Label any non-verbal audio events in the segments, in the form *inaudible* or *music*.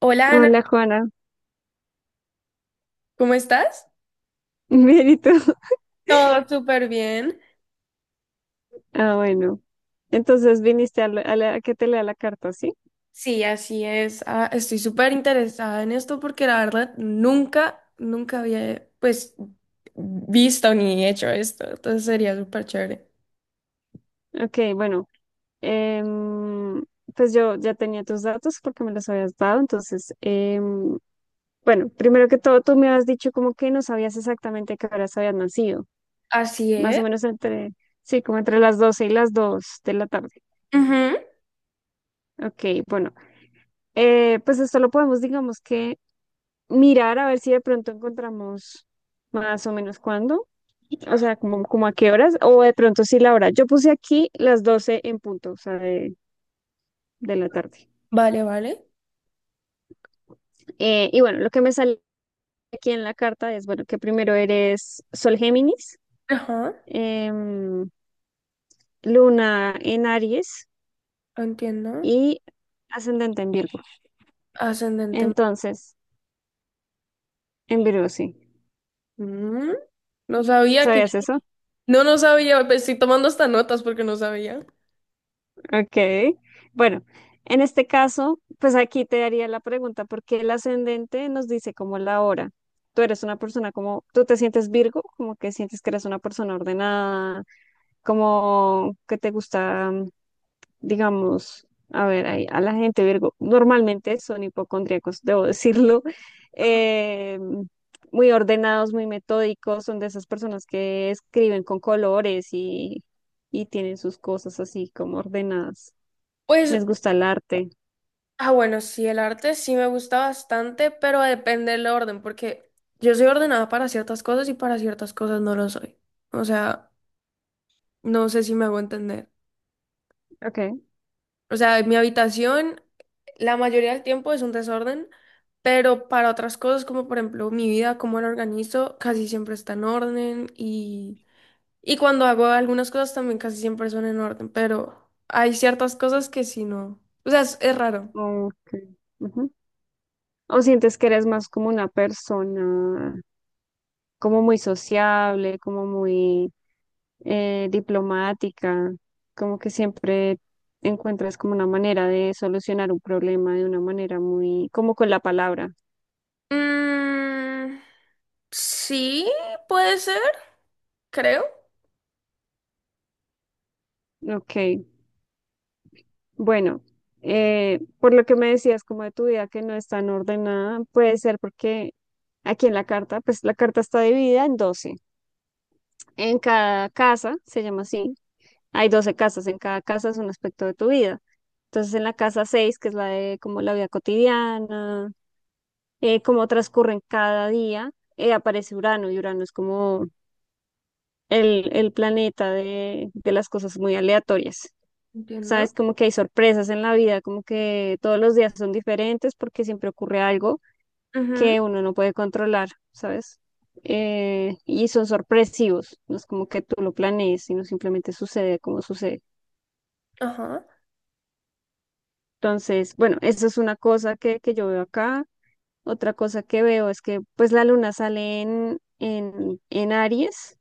Hola Ana, Hola Juana. ¿cómo estás? *laughs* Bien, ¿y tú? Todo súper bien. Ah, bueno. Entonces viniste a que te lea la carta, ¿sí? Sí, así es. Ah, estoy súper interesada en esto porque la verdad nunca había visto ni hecho esto. Entonces sería súper chévere. Ok, bueno. em, pues yo ya tenía tus datos porque me los habías dado. Entonces, bueno, primero que todo, tú me has dicho como que no sabías exactamente a qué horas habías nacido, Así más es. o menos entre, sí, como entre las 12 y las 2 de la tarde. Ujú. Ok, bueno, pues esto lo podemos, digamos que, mirar a ver si de pronto encontramos más o menos cuándo. O sea, como a qué horas, o de pronto sí la hora. Yo puse aquí las 12 en punto, o sea, de la tarde. Vale, vale. Y bueno, lo que me sale aquí en la carta es, bueno, que primero eres Sol Géminis, Ajá, em, Luna en Aries entiendo. y ascendente en Virgo. Ascendente. Entonces, en Virgo, sí. Mm, No sabía que. ¿Sabías eso? No sabía, pues, estoy tomando hasta notas porque no sabía. Ok, bueno, en este caso, pues aquí te haría la pregunta, porque el ascendente nos dice como la hora. Tú eres una persona como, tú te sientes Virgo, como que sientes que eres una persona ordenada, como que te gusta, digamos, a ver, ahí, a la gente Virgo, normalmente son hipocondríacos, debo decirlo. *laughs* eh, Muy ordenados, muy metódicos, son de esas personas que escriben con colores tienen sus cosas así como ordenadas. Pues, Les gusta el arte. ah, bueno, sí, el arte sí me gusta bastante, pero depende del orden, porque yo soy ordenada para ciertas cosas y para ciertas cosas no lo soy. O sea, no sé si me hago entender. Ok. O sea, mi habitación la mayoría del tiempo es un desorden, pero para otras cosas, como por ejemplo mi vida, cómo la organizo, casi siempre está en orden y cuando hago algunas cosas también casi siempre son en orden, pero hay ciertas cosas que sí no. O sea, es raro. Ok. Ujú. O sientes que eres más como una persona, como muy sociable, como muy diplomática, como que siempre encuentras como una manera de solucionar un problema de una manera muy, como con la palabra. Mm, sí, puede ser, creo. Ok, bueno, por lo que me decías como de tu vida que no es tan ordenada, puede ser porque aquí en la carta, pues la carta está dividida en 12. En cada casa, se llama así, hay 12 casas, en cada casa es un aspecto de tu vida. Entonces en la casa seis, que es la de como la vida cotidiana, cómo transcurren cada día, aparece Urano, y Urano es como el planeta de las cosas muy aleatorias. Entiendo. Sabes, como que hay sorpresas en la vida, como que todos los días son diferentes porque siempre ocurre algo Ujú, que uno no puede controlar, ¿sabes? Y son sorpresivos, no es como que tú lo planees, sino simplemente sucede como sucede. ajá, Entonces, bueno, eso es una cosa que yo veo acá. Otra cosa que veo es que pues la luna sale en, Aries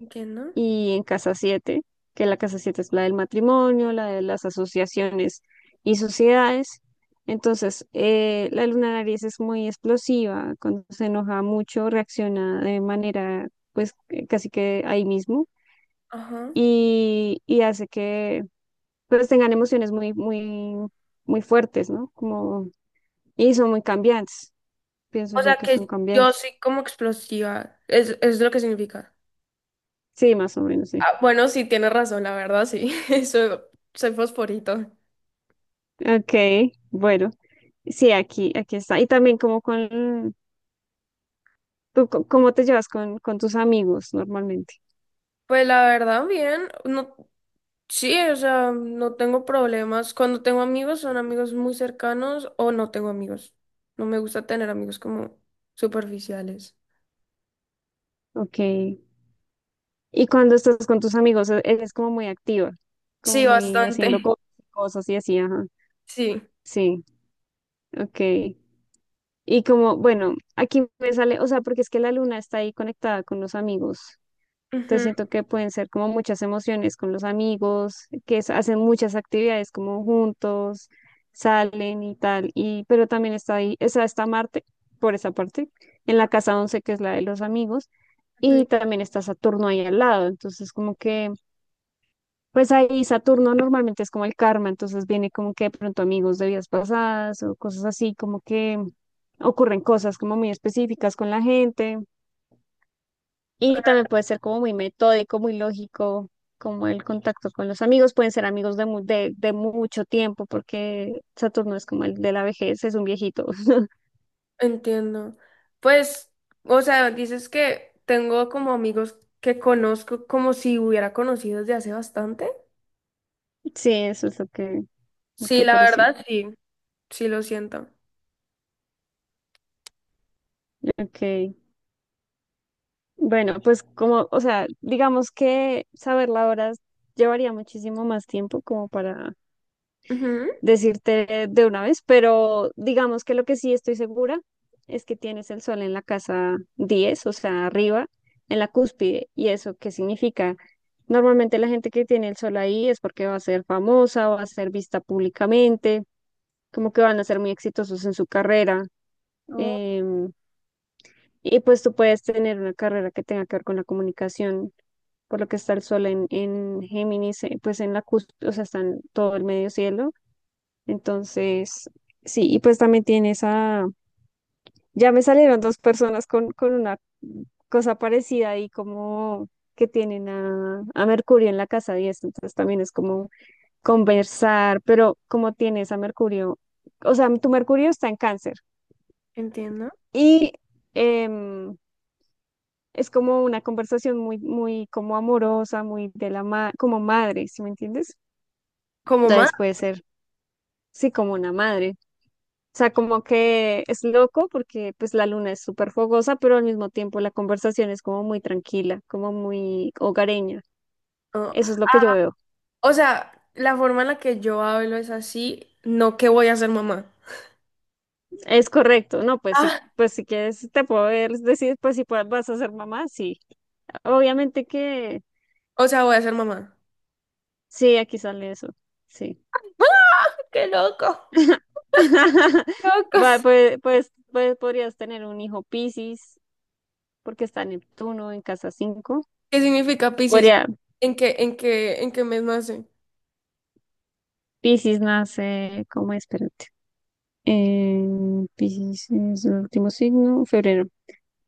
entiendo. y en Casa siete, que la Casa 7 es la del matrimonio, la de las asociaciones y sociedades. Entonces, la luna Aries es muy explosiva, cuando se enoja mucho, reacciona de manera, pues, casi que ahí mismo, Ajá. Y hace que, pues, tengan emociones muy, muy, muy fuertes, ¿no? Como, y son muy cambiantes, pienso O yo sea que son que yo cambiantes. soy como explosiva, es lo que significa. Sí, más o menos, sí. Ah, bueno, sí, tienes razón, la verdad, sí. *laughs* Soy, soy fosforito. Ok, bueno, sí, aquí, aquí está. Y también como con, ¿tú cómo te llevas con tus amigos normalmente? Pues la verdad, bien. No, sí, o sea, no tengo problemas. Cuando tengo amigos, son amigos muy cercanos o no tengo amigos. No me gusta tener amigos como superficiales. Ok. Y cuando estás con tus amigos, eres como muy activa, como Sí, muy haciendo bastante. *laughs* cosas y así, ajá. Sí. Sí, ok. Y como, bueno, aquí me sale, o sea, porque es que la luna está ahí conectada con los amigos. Entonces Ujú, siento que pueden ser como muchas emociones con los amigos, que es- hacen muchas actividades como juntos, salen y tal, y pero también está ahí, esa está Marte, por esa parte, en la casa 11, que es la de los amigos, ujú. y también está Saturno ahí al lado. Entonces, como que pues ahí Saturno normalmente es como el karma, entonces viene como que de pronto amigos de vidas pasadas o cosas así, como que ocurren cosas como muy específicas con la gente, y también puede ser como muy metódico, muy lógico, como el contacto con los amigos. Pueden ser amigos de mucho tiempo, porque Saturno es como el de la vejez, es un viejito. *laughs* Entiendo. Pues, o sea, dices que tengo como amigos que conozco como si hubiera conocido desde hace bastante. Sí, eso es lo que Sí, la parece. verdad, sí. Sí, lo siento. Ok. Bueno, pues como, o sea, digamos que saber la hora llevaría muchísimo más tiempo como para Ujú. decirte de una vez, pero digamos que lo que sí estoy segura es que tienes el sol en la casa 10, o sea, arriba, en la cúspide. ¿Y eso qué significa? Normalmente la gente que tiene el sol ahí es porque va a ser famosa, va a ser vista públicamente, como que van a ser muy exitosos en su carrera. Oh, em, y pues tú puedes tener una carrera que tenga que ver con la comunicación, por lo que está el sol en Géminis, pues en la cúspide, o sea, está en todo el medio cielo. Entonces, sí, y pues también tiene esa, ya me salieron dos personas con una cosa parecida, y como que tienen a Mercurio en la casa 10, entonces también es como conversar, pero como tienes a Mercurio, o sea, tu Mercurio está en cáncer entiendo. y em, es como una conversación muy, muy como amorosa, muy de como madre, ¿sí me entiendes? Como mamá. Entonces puede ser, sí, como una madre. O sea, como que es loco porque pues la luna es súper fogosa, pero al mismo tiempo la conversación es como muy tranquila, como muy hogareña. Oh, Eso es lo que yo veo. o sea, la forma en la que yo hablo es así, no que voy a ser mamá. Es correcto, ¿no? Pues sí, Ah, pues si quieres te puedo ver- decir, pues si puedes- vas a ser mamá, sí. Obviamente que o sea, voy a ser mamá. sí, aquí sale eso, sí. ¡Qué loco! *laughs* Va, ¡Locos! pues, podrías tener un hijo Piscis, porque está Neptuno en casa 5. ¿Qué significa Piscis? Podría, ¿En qué, en qué mes nace? Piscis nace, ¿cómo es? Espérate. Eh, Piscis es el último signo, febrero.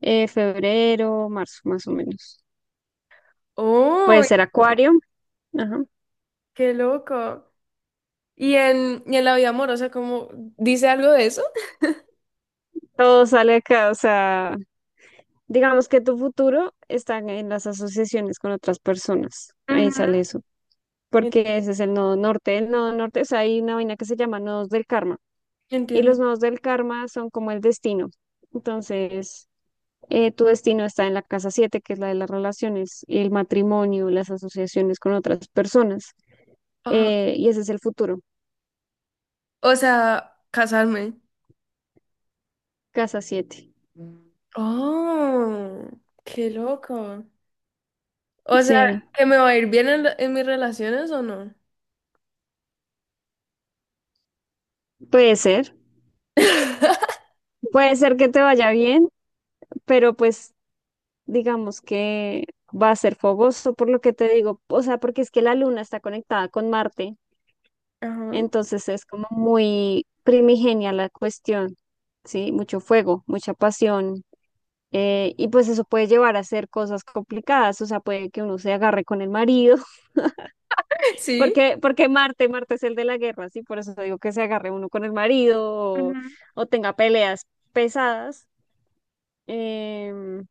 Febrero, marzo, más o menos. ¡Oh, Puede ser Acuario. Ajá. qué loco! ¿Y y en la vida amorosa, cómo dice algo de eso? Todo sale acá, o sea, digamos que tu futuro está en las asociaciones con otras personas. Ahí Ujú. sale eso, En- porque ese es el nodo norte. El nodo norte, o sea, hay una vaina que se llama nodos del karma. Y Entiendo. los nodos del karma son como el destino. Entonces, tu destino está en la casa 7, que es la de las relaciones, el matrimonio, las asociaciones con otras personas. Ajá. Y ese es el futuro, O sea, casarme. casa siete. ¡Oh, qué loco! O sea, Sí, ¿que me va a ir bien en, en mis relaciones o no? puede ser, *laughs* puede ser que te vaya bien, pero pues digamos que va a ser fogoso por lo que te digo, o sea, porque es que la luna está conectada con Marte, Ajá. entonces es como muy primigenia la cuestión, ¿sí? Mucho fuego, mucha pasión, y pues eso puede llevar a hacer cosas complicadas, o sea, puede que uno se agarre con el marido. ¿Sí? Porque Marte es el de la guerra, sí, por eso digo que se agarre uno con el marido o, Ujú. o tenga peleas pesadas, em,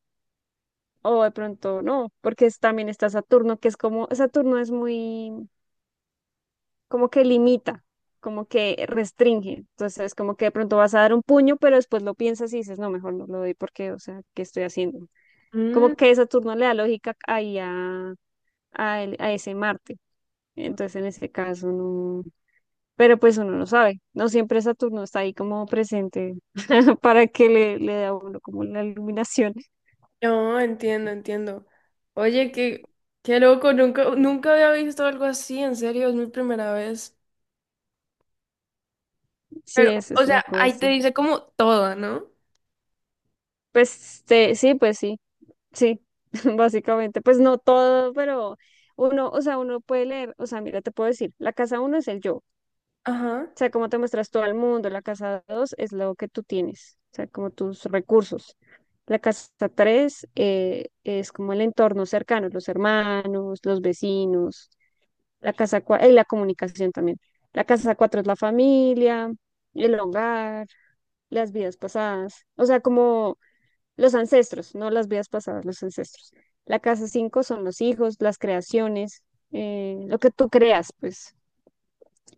o de pronto no, porque es- también está Saturno, que es como, Saturno es muy, como que limita, como que restringe, entonces como que de pronto vas a dar un puño, pero después lo piensas y dices, no, mejor no lo doy porque, o sea, ¿qué estoy haciendo? Como Mm, que Saturno le da lógica ahí a ese Marte, entonces en ese caso no. Pero pues uno no sabe, no siempre Saturno está ahí como presente *laughs* para que le dé a uno como la iluminación. no, entiendo. Oye, qué loco, nunca había visto algo así, en serio, es mi primera vez. Sí, Pero, eso o es sea, loco ahí te eso. dice como todo, ¿no? Pues sí, pues sí, sí, *laughs* básicamente, pues no todo, pero uno, o sea, uno puede leer, o sea, mira, te puedo decir, la casa uno es el yo, o Ajá. sea, cómo te muestras todo el mundo, la casa dos es lo que tú tienes, o sea, como tus recursos. La casa 3 es como el entorno cercano, los hermanos, los vecinos. La casa cuatro, y la comunicación también. La casa cuatro es la familia, el hogar, las vidas pasadas, o sea, como los ancestros, no las vidas pasadas, los ancestros. La casa cinco son los hijos, las creaciones, lo que tú creas, pues.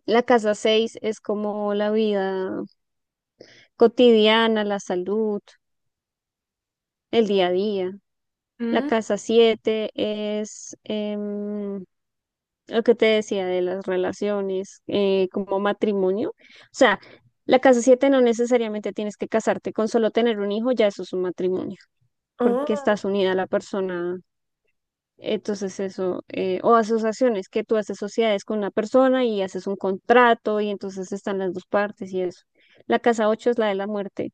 La casa seis es como la vida cotidiana, la salud, el día a día. La Mm, casa siete es lo que te decía de las relaciones, como matrimonio. O sea, la casa siete no necesariamente tienes que casarte, con solo tener un hijo ya eso es un matrimonio, porque oh, estás unida a la persona. Entonces eso, o asociaciones, que tú haces sociedades con una persona y haces un contrato y entonces están las dos partes y eso. La casa ocho es la de la muerte,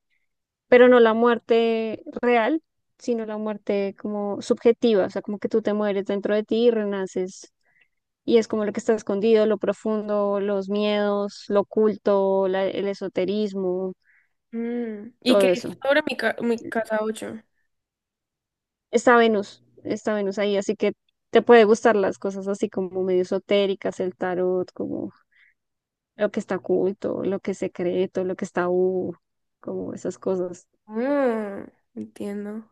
pero no la muerte real, sino la muerte como subjetiva, o sea, como que tú te mueres dentro de ti y renaces, y es como lo que está escondido, lo profundo, los miedos, lo oculto, el esoterismo, mm. ¿Y qué todo dice eso. sobre mi, mi casa 8? Está Venus ahí, así que te puede gustar las cosas así como medio esotéricas, el tarot, como lo que está oculto, lo que es secreto, lo que está como esas cosas. Entiendo.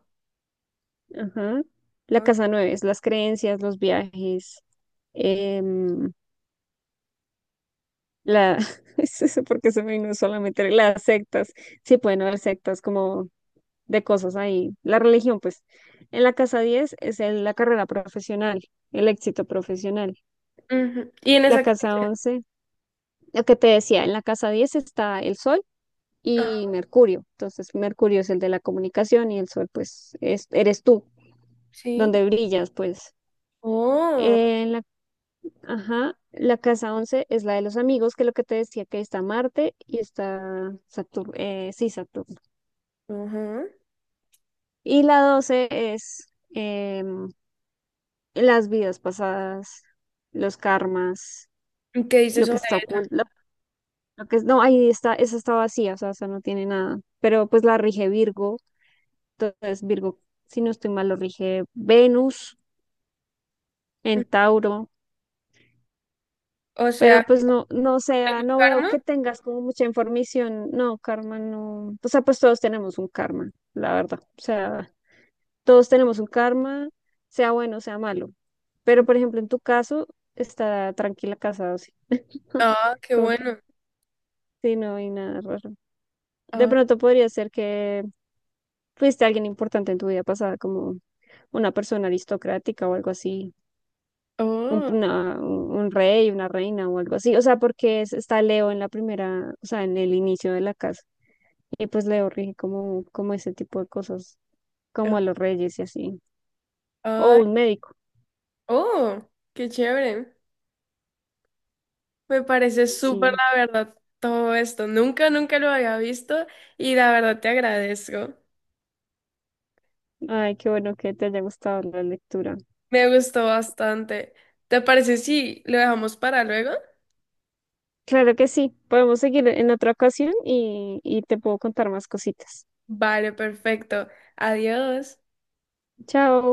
Ajá. La Ah, casa nueve es las creencias, los viajes, em, la... *laughs* es eso porque se me vino solamente las sectas. Sí, pueden haber sectas como de cosas ahí. La religión, pues, en la casa 10 es el- la carrera profesional, el éxito profesional. ujú. ¿Y en La esa que casa dice? 11 lo que te decía, en la casa 10 está el sol Ajá, y Mercurio. Entonces, Mercurio es el de la comunicación, y el sol, pues, es, eres tú, sí. donde brillas, pues. Oh, En la, ajá, la casa 11 es la de los amigos, que es lo que te decía, que está Marte y está Saturno, sí, Saturno. ajá. Y la 12 es... em, las vidas pasadas, los karmas, ¿Y qué dices? lo que está oculto, lo que es, no, ahí está, esa está vacía, o sea, esa no tiene nada, pero pues la rige Virgo. Entonces Virgo, si no estoy mal, lo rige Venus en Tauro, O sea, pero pues no, no, o sea, ¿tengo no veo karma? que tengas como mucha información, no, karma, no, o sea, pues todos tenemos un karma, la verdad. O sea, todos tenemos un karma, sea bueno, sea malo, pero por ejemplo, en tu caso, está tranquila casa 12. Ah, qué *laughs* bueno. Sí, no hay nada raro. De Ah, pronto podría ser que fuiste alguien importante en tu vida pasada, como una persona aristocrática o algo así, un, oh, una- un rey, una reina o algo así. O sea, porque es- está Leo en la primera, o sea, en el inicio de la casa. Y pues Leo rige como, como ese tipo de cosas, eh, como a los reyes y así. O ay, un médico, oh, qué chévere. Me parece súper, sí. la verdad, todo esto. Nunca lo había visto y la verdad te agradezco. Ay, qué bueno que te haya gustado la lectura. Me gustó bastante. ¿Te parece si lo dejamos para luego? Claro que sí. Podemos seguir en otra ocasión, y te puedo contar más cositas. Vale, perfecto. Adiós. Chao.